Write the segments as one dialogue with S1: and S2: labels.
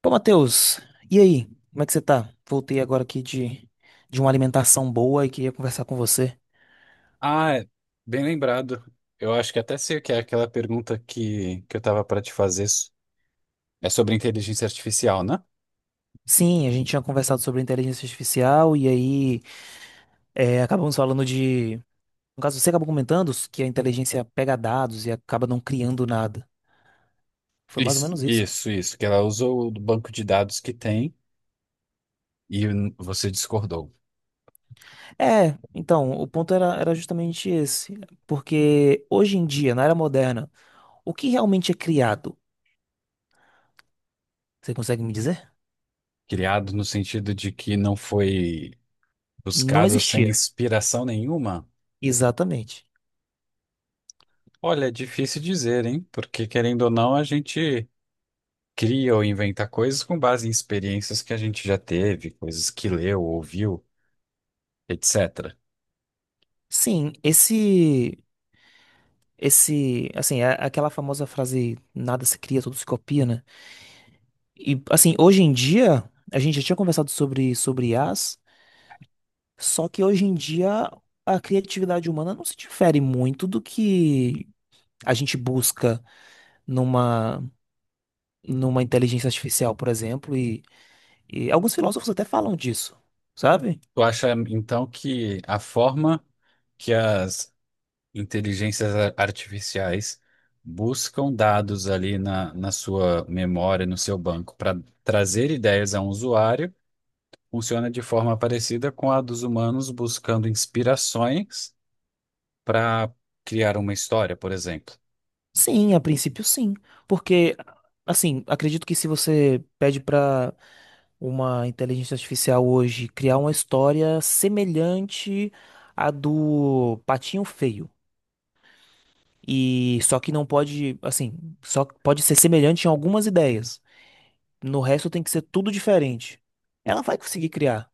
S1: Pô, Matheus, e aí? Como é que você tá? Voltei agora aqui de uma alimentação boa e queria conversar com você.
S2: Ah, é, bem lembrado. Eu acho que até sei o que é aquela pergunta que eu tava para te fazer. É sobre inteligência artificial, né?
S1: Sim, a gente tinha conversado sobre inteligência artificial e aí acabamos falando de. No caso, você acabou comentando que a inteligência pega dados e acaba não criando nada. Foi mais ou
S2: Isso,
S1: menos isso.
S2: isso, isso. Que ela usou o banco de dados que tem e você discordou.
S1: É, então, o ponto era justamente esse. Porque hoje em dia, na era moderna, o que realmente é criado? Você consegue me dizer?
S2: Criado no sentido de que não foi
S1: Não
S2: buscado sem
S1: existia.
S2: inspiração nenhuma?
S1: Exatamente.
S2: Olha, é difícil dizer, hein? Porque querendo ou não, a gente cria ou inventa coisas com base em experiências que a gente já teve, coisas que leu, ouviu, etc.
S1: Sim, esse, assim, é aquela famosa frase nada se cria, tudo se copia, né? E assim, hoje em dia, a gente já tinha conversado sobre I as, só que hoje em dia a criatividade humana não se difere muito do que a gente busca numa numa inteligência artificial, por exemplo, e alguns filósofos até falam disso, sabe?
S2: Tu acha então que a forma que as inteligências artificiais buscam dados ali na sua memória, no seu banco, para trazer ideias a um usuário, funciona de forma parecida com a dos humanos buscando inspirações para criar uma história, por exemplo?
S1: Sim, a princípio sim, porque assim, acredito que se você pede pra uma inteligência artificial hoje criar uma história semelhante à do Patinho Feio, e só que não pode, assim, só pode ser semelhante em algumas ideias. No resto tem que ser tudo diferente. Ela vai conseguir criar,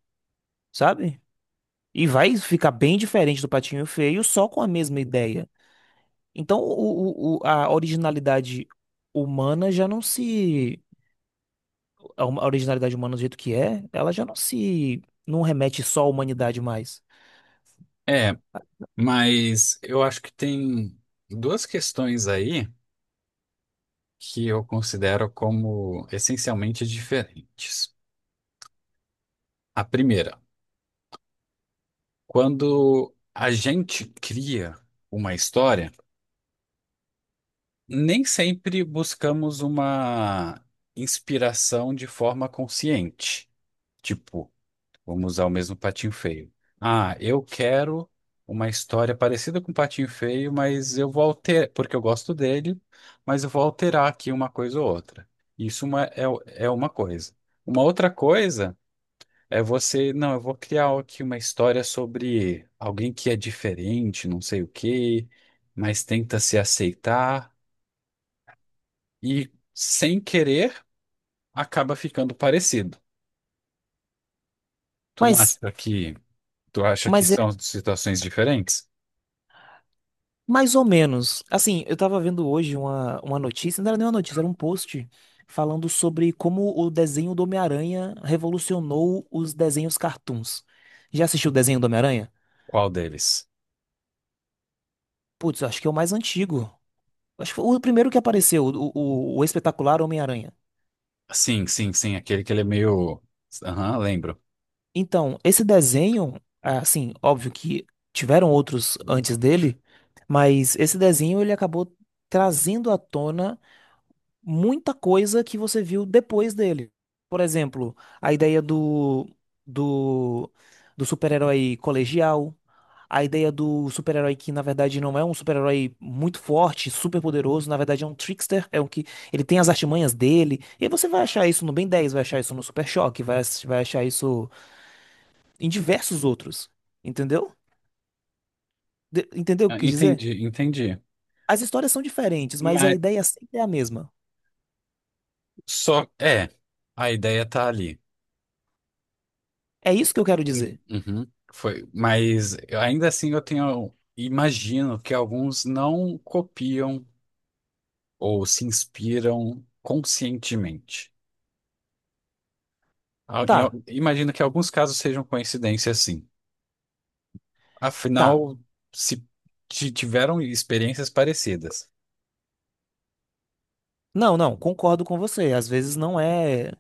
S1: sabe? E vai ficar bem diferente do Patinho Feio só com a mesma ideia. Então, a originalidade humana já não se a originalidade humana do jeito que é, ela já não se não remete só à humanidade mais.
S2: É, mas eu acho que tem duas questões aí que eu considero como essencialmente diferentes. A primeira: quando a gente cria uma história, nem sempre buscamos uma inspiração de forma consciente. Tipo, vamos usar o mesmo Patinho Feio. Ah, eu quero uma história parecida com o Patinho Feio, mas eu vou alterar, porque eu gosto dele, mas eu vou alterar aqui uma coisa ou outra. Isso uma- é, é uma coisa. Uma outra coisa é você, não, eu vou criar aqui uma história sobre alguém que é diferente, não sei o quê, mas tenta se aceitar e, sem querer, acaba ficando parecido. Tu não acha
S1: Mas
S2: que, tu acha que
S1: mas é
S2: são situações diferentes?
S1: mais ou menos. Assim, eu tava vendo hoje uma notícia, não era nem uma notícia, era um post falando sobre como o desenho do Homem-Aranha revolucionou os desenhos cartoons. Já assistiu o desenho do Homem-Aranha?
S2: Qual deles?
S1: Putz, eu acho que é o mais antigo. Acho que foi o primeiro que apareceu, o espetacular Homem-Aranha.
S2: Sim, sim, sim, aquele que ele é meio, aham, lembro.
S1: Então, esse desenho, é, assim, óbvio que tiveram outros antes dele, mas esse desenho ele acabou trazendo à tona muita coisa que você viu depois dele. Por exemplo, a ideia do, do super-herói colegial, a ideia do super-herói que na verdade não é um super-herói muito forte, super poderoso, na verdade é um trickster, é um que ele tem as artimanhas dele. E aí você vai achar isso no Ben 10, vai achar isso no Super Choque, vai achar isso em diversos outros, entendeu? Entendeu o que
S2: Ah,
S1: eu quis dizer?
S2: entendi, entendi.
S1: As histórias são diferentes, mas a
S2: Mas
S1: ideia sempre é a mesma.
S2: só, é, a ideia tá ali.
S1: É isso que eu quero dizer.
S2: Uhum, foi, mas ainda assim eu tenho, imagino que alguns não copiam ou se inspiram conscientemente.
S1: Tá,
S2: Imagino que alguns casos sejam coincidência, sim.
S1: tá.
S2: Afinal, se tiveram experiências parecidas
S1: Não, não, concordo com você. Às vezes não é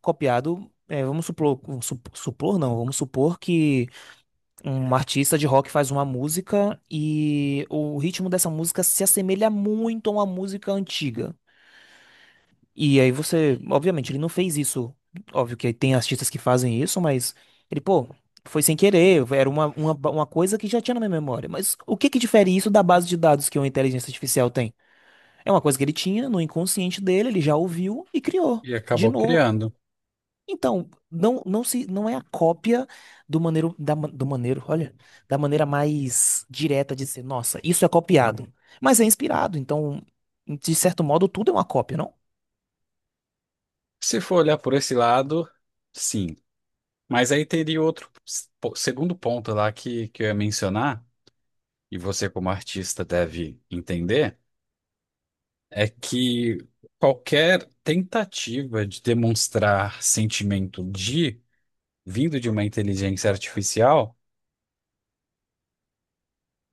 S1: copiado. É, vamos supor, su- supor, não, vamos supor que um artista de rock faz uma música e o ritmo dessa música se assemelha muito a uma música antiga. E aí você, obviamente, ele não fez isso. Óbvio que tem artistas que fazem isso, mas ele, pô, foi sem querer, era uma coisa que já tinha na minha memória. Mas o que que difere isso da base de dados que uma inteligência artificial tem? É uma coisa que ele tinha no inconsciente dele, ele já ouviu e criou
S2: e
S1: de
S2: acabou
S1: novo.
S2: criando.
S1: Então, não é a cópia do maneiro, da, ma- do maneiro, olha, da maneira mais direta de ser, nossa, isso é copiado. Mas é inspirado, então, de certo modo, tudo é uma cópia, não?
S2: Se for olhar por esse lado, sim. Mas aí teria outro segundo ponto lá que eu ia mencionar, e você como artista deve entender é que qualquer tentativa de demonstrar sentimento de vindo de uma inteligência artificial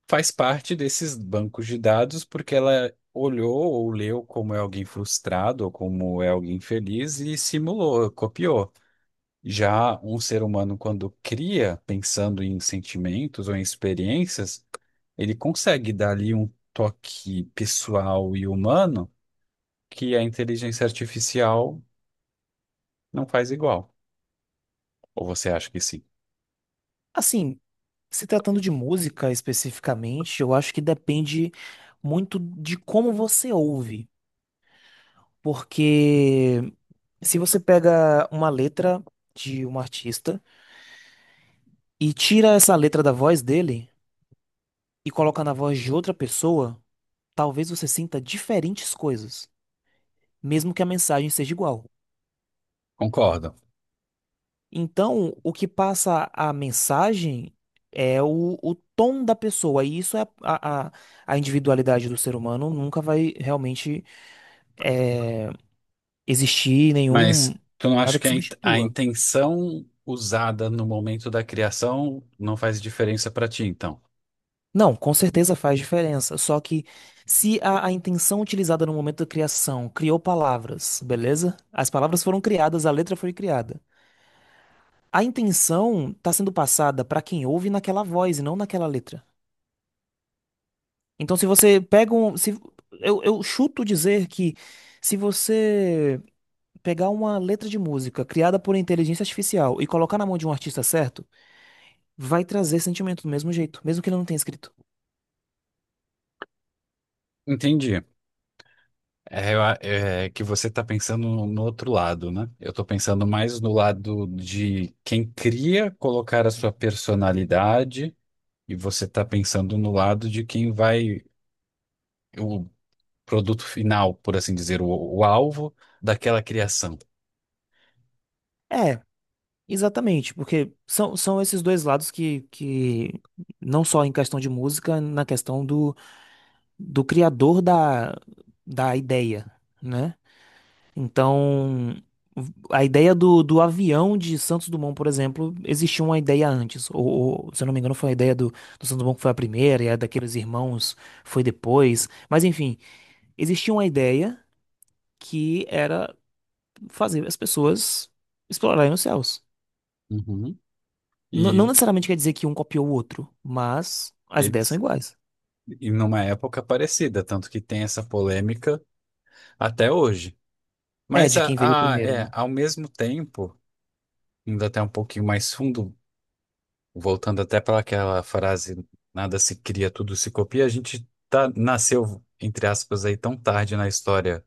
S2: faz parte desses bancos de dados, porque ela olhou ou leu como é alguém frustrado ou como é alguém feliz e simulou, copiou. Já um ser humano, quando cria, pensando em sentimentos ou em experiências, ele consegue dar ali um toque pessoal e humano que a inteligência artificial não faz igual. Ou você acha que sim?
S1: Assim, se tratando de música especificamente, eu acho que depende muito de como você ouve. Porque se você pega uma letra de um artista e tira essa letra da voz dele e coloca na voz de outra pessoa, talvez você sinta diferentes coisas, mesmo que a mensagem seja igual.
S2: Concordo.
S1: Então, o que passa a mensagem é o tom da pessoa, e isso é a individualidade do ser humano, nunca vai realmente eh, existir nenhum,
S2: Mas tu não acha
S1: nada que
S2: que a a
S1: substitua.
S2: intenção usada no momento da criação não faz diferença pra ti, então?
S1: Não, com certeza faz diferença. Só que se a intenção utilizada no momento da criação criou palavras, beleza? As palavras foram criadas, a letra foi criada. A intenção está sendo passada para quem ouve naquela voz e não naquela letra. Então, se você pega um. Se, eu chuto dizer que se você pegar uma letra de música criada por inteligência artificial e colocar na mão de um artista certo, vai trazer sentimento do mesmo jeito, mesmo que ele não tenha escrito.
S2: Entendi. É, é que você tá pensando no outro lado, né? Eu tô pensando mais no lado de quem cria colocar a sua personalidade e você tá pensando no lado de quem vai, o produto final, por assim dizer, o alvo daquela criação.
S1: É, exatamente, porque são esses dois lados que não só em questão de música, na questão do criador da ideia, né? Então, a ideia do avião de Santos Dumont, por exemplo, existia uma ideia antes. Se eu não me engano, foi a ideia do Santos Dumont que foi a primeira, e a daqueles irmãos foi depois. Mas, enfim, existia uma ideia que era fazer as pessoas explorarem os céus.
S2: Uhum.
S1: Não
S2: E
S1: necessariamente quer dizer que um copiou o outro, mas as ideias são
S2: eles
S1: iguais.
S2: E numa época parecida, tanto que tem essa polêmica até hoje.
S1: É
S2: Mas
S1: de quem veio primeiro,
S2: é,
S1: né?
S2: ao mesmo tempo, indo até um pouquinho mais fundo, voltando até para aquela frase, nada se cria, tudo se copia, a gente tá, nasceu, entre aspas, aí tão tarde na história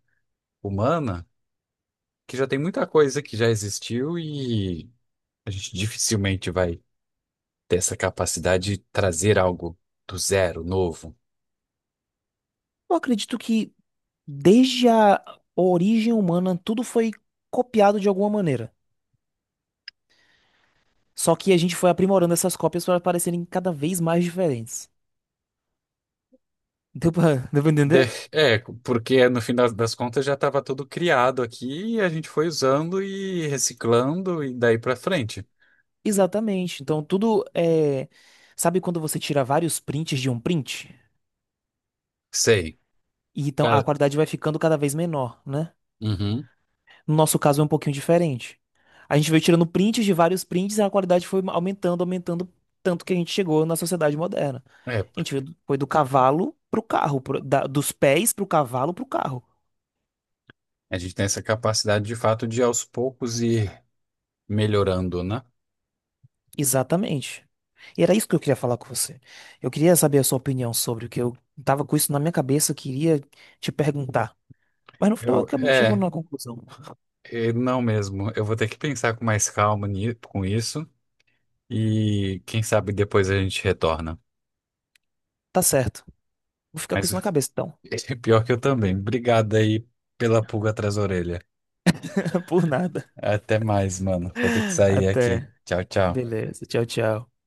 S2: humana que já tem muita coisa que já existiu e a gente dificilmente vai ter essa capacidade de trazer algo do zero, novo.
S1: Eu acredito que desde a origem humana tudo foi copiado de alguma maneira. Só que a gente foi aprimorando essas cópias para parecerem cada vez mais diferentes. Deu pra
S2: De-
S1: entender?
S2: É, porque no fim das contas já estava tudo criado aqui e a gente foi usando e reciclando e daí para frente.
S1: Exatamente. Então, tudo é. Sabe quando você tira vários prints de um print?
S2: Sei.
S1: E então a
S2: Cara,
S1: qualidade vai ficando cada vez menor, né?
S2: uhum.
S1: No nosso caso é um pouquinho diferente. A gente veio tirando prints de vários prints e a qualidade foi aumentando, aumentando, tanto que a gente chegou na sociedade moderna.
S2: É,
S1: A gente veio do- foi do cavalo pro carro, dos pés pro cavalo pro carro.
S2: a gente tem essa capacidade de fato de aos poucos ir melhorando, né?
S1: Exatamente. E era isso que eu queria falar com você. Eu queria saber a sua opinião sobre o que eu tava com isso na minha cabeça, eu queria te perguntar. Mas no final
S2: Eu,
S1: acabamos chegando
S2: é,
S1: numa conclusão.
S2: é, não mesmo. Eu vou ter que pensar com mais calma com isso e quem sabe depois a gente retorna.
S1: Tá certo. Vou ficar com
S2: Mas
S1: isso na cabeça então.
S2: pior que eu também. Obrigado aí pela pulga atrás da orelha.
S1: Por nada.
S2: Até mais, mano. Vou ter que sair aqui.
S1: Até.
S2: Tchau, tchau.
S1: Beleza. Tchau, tchau.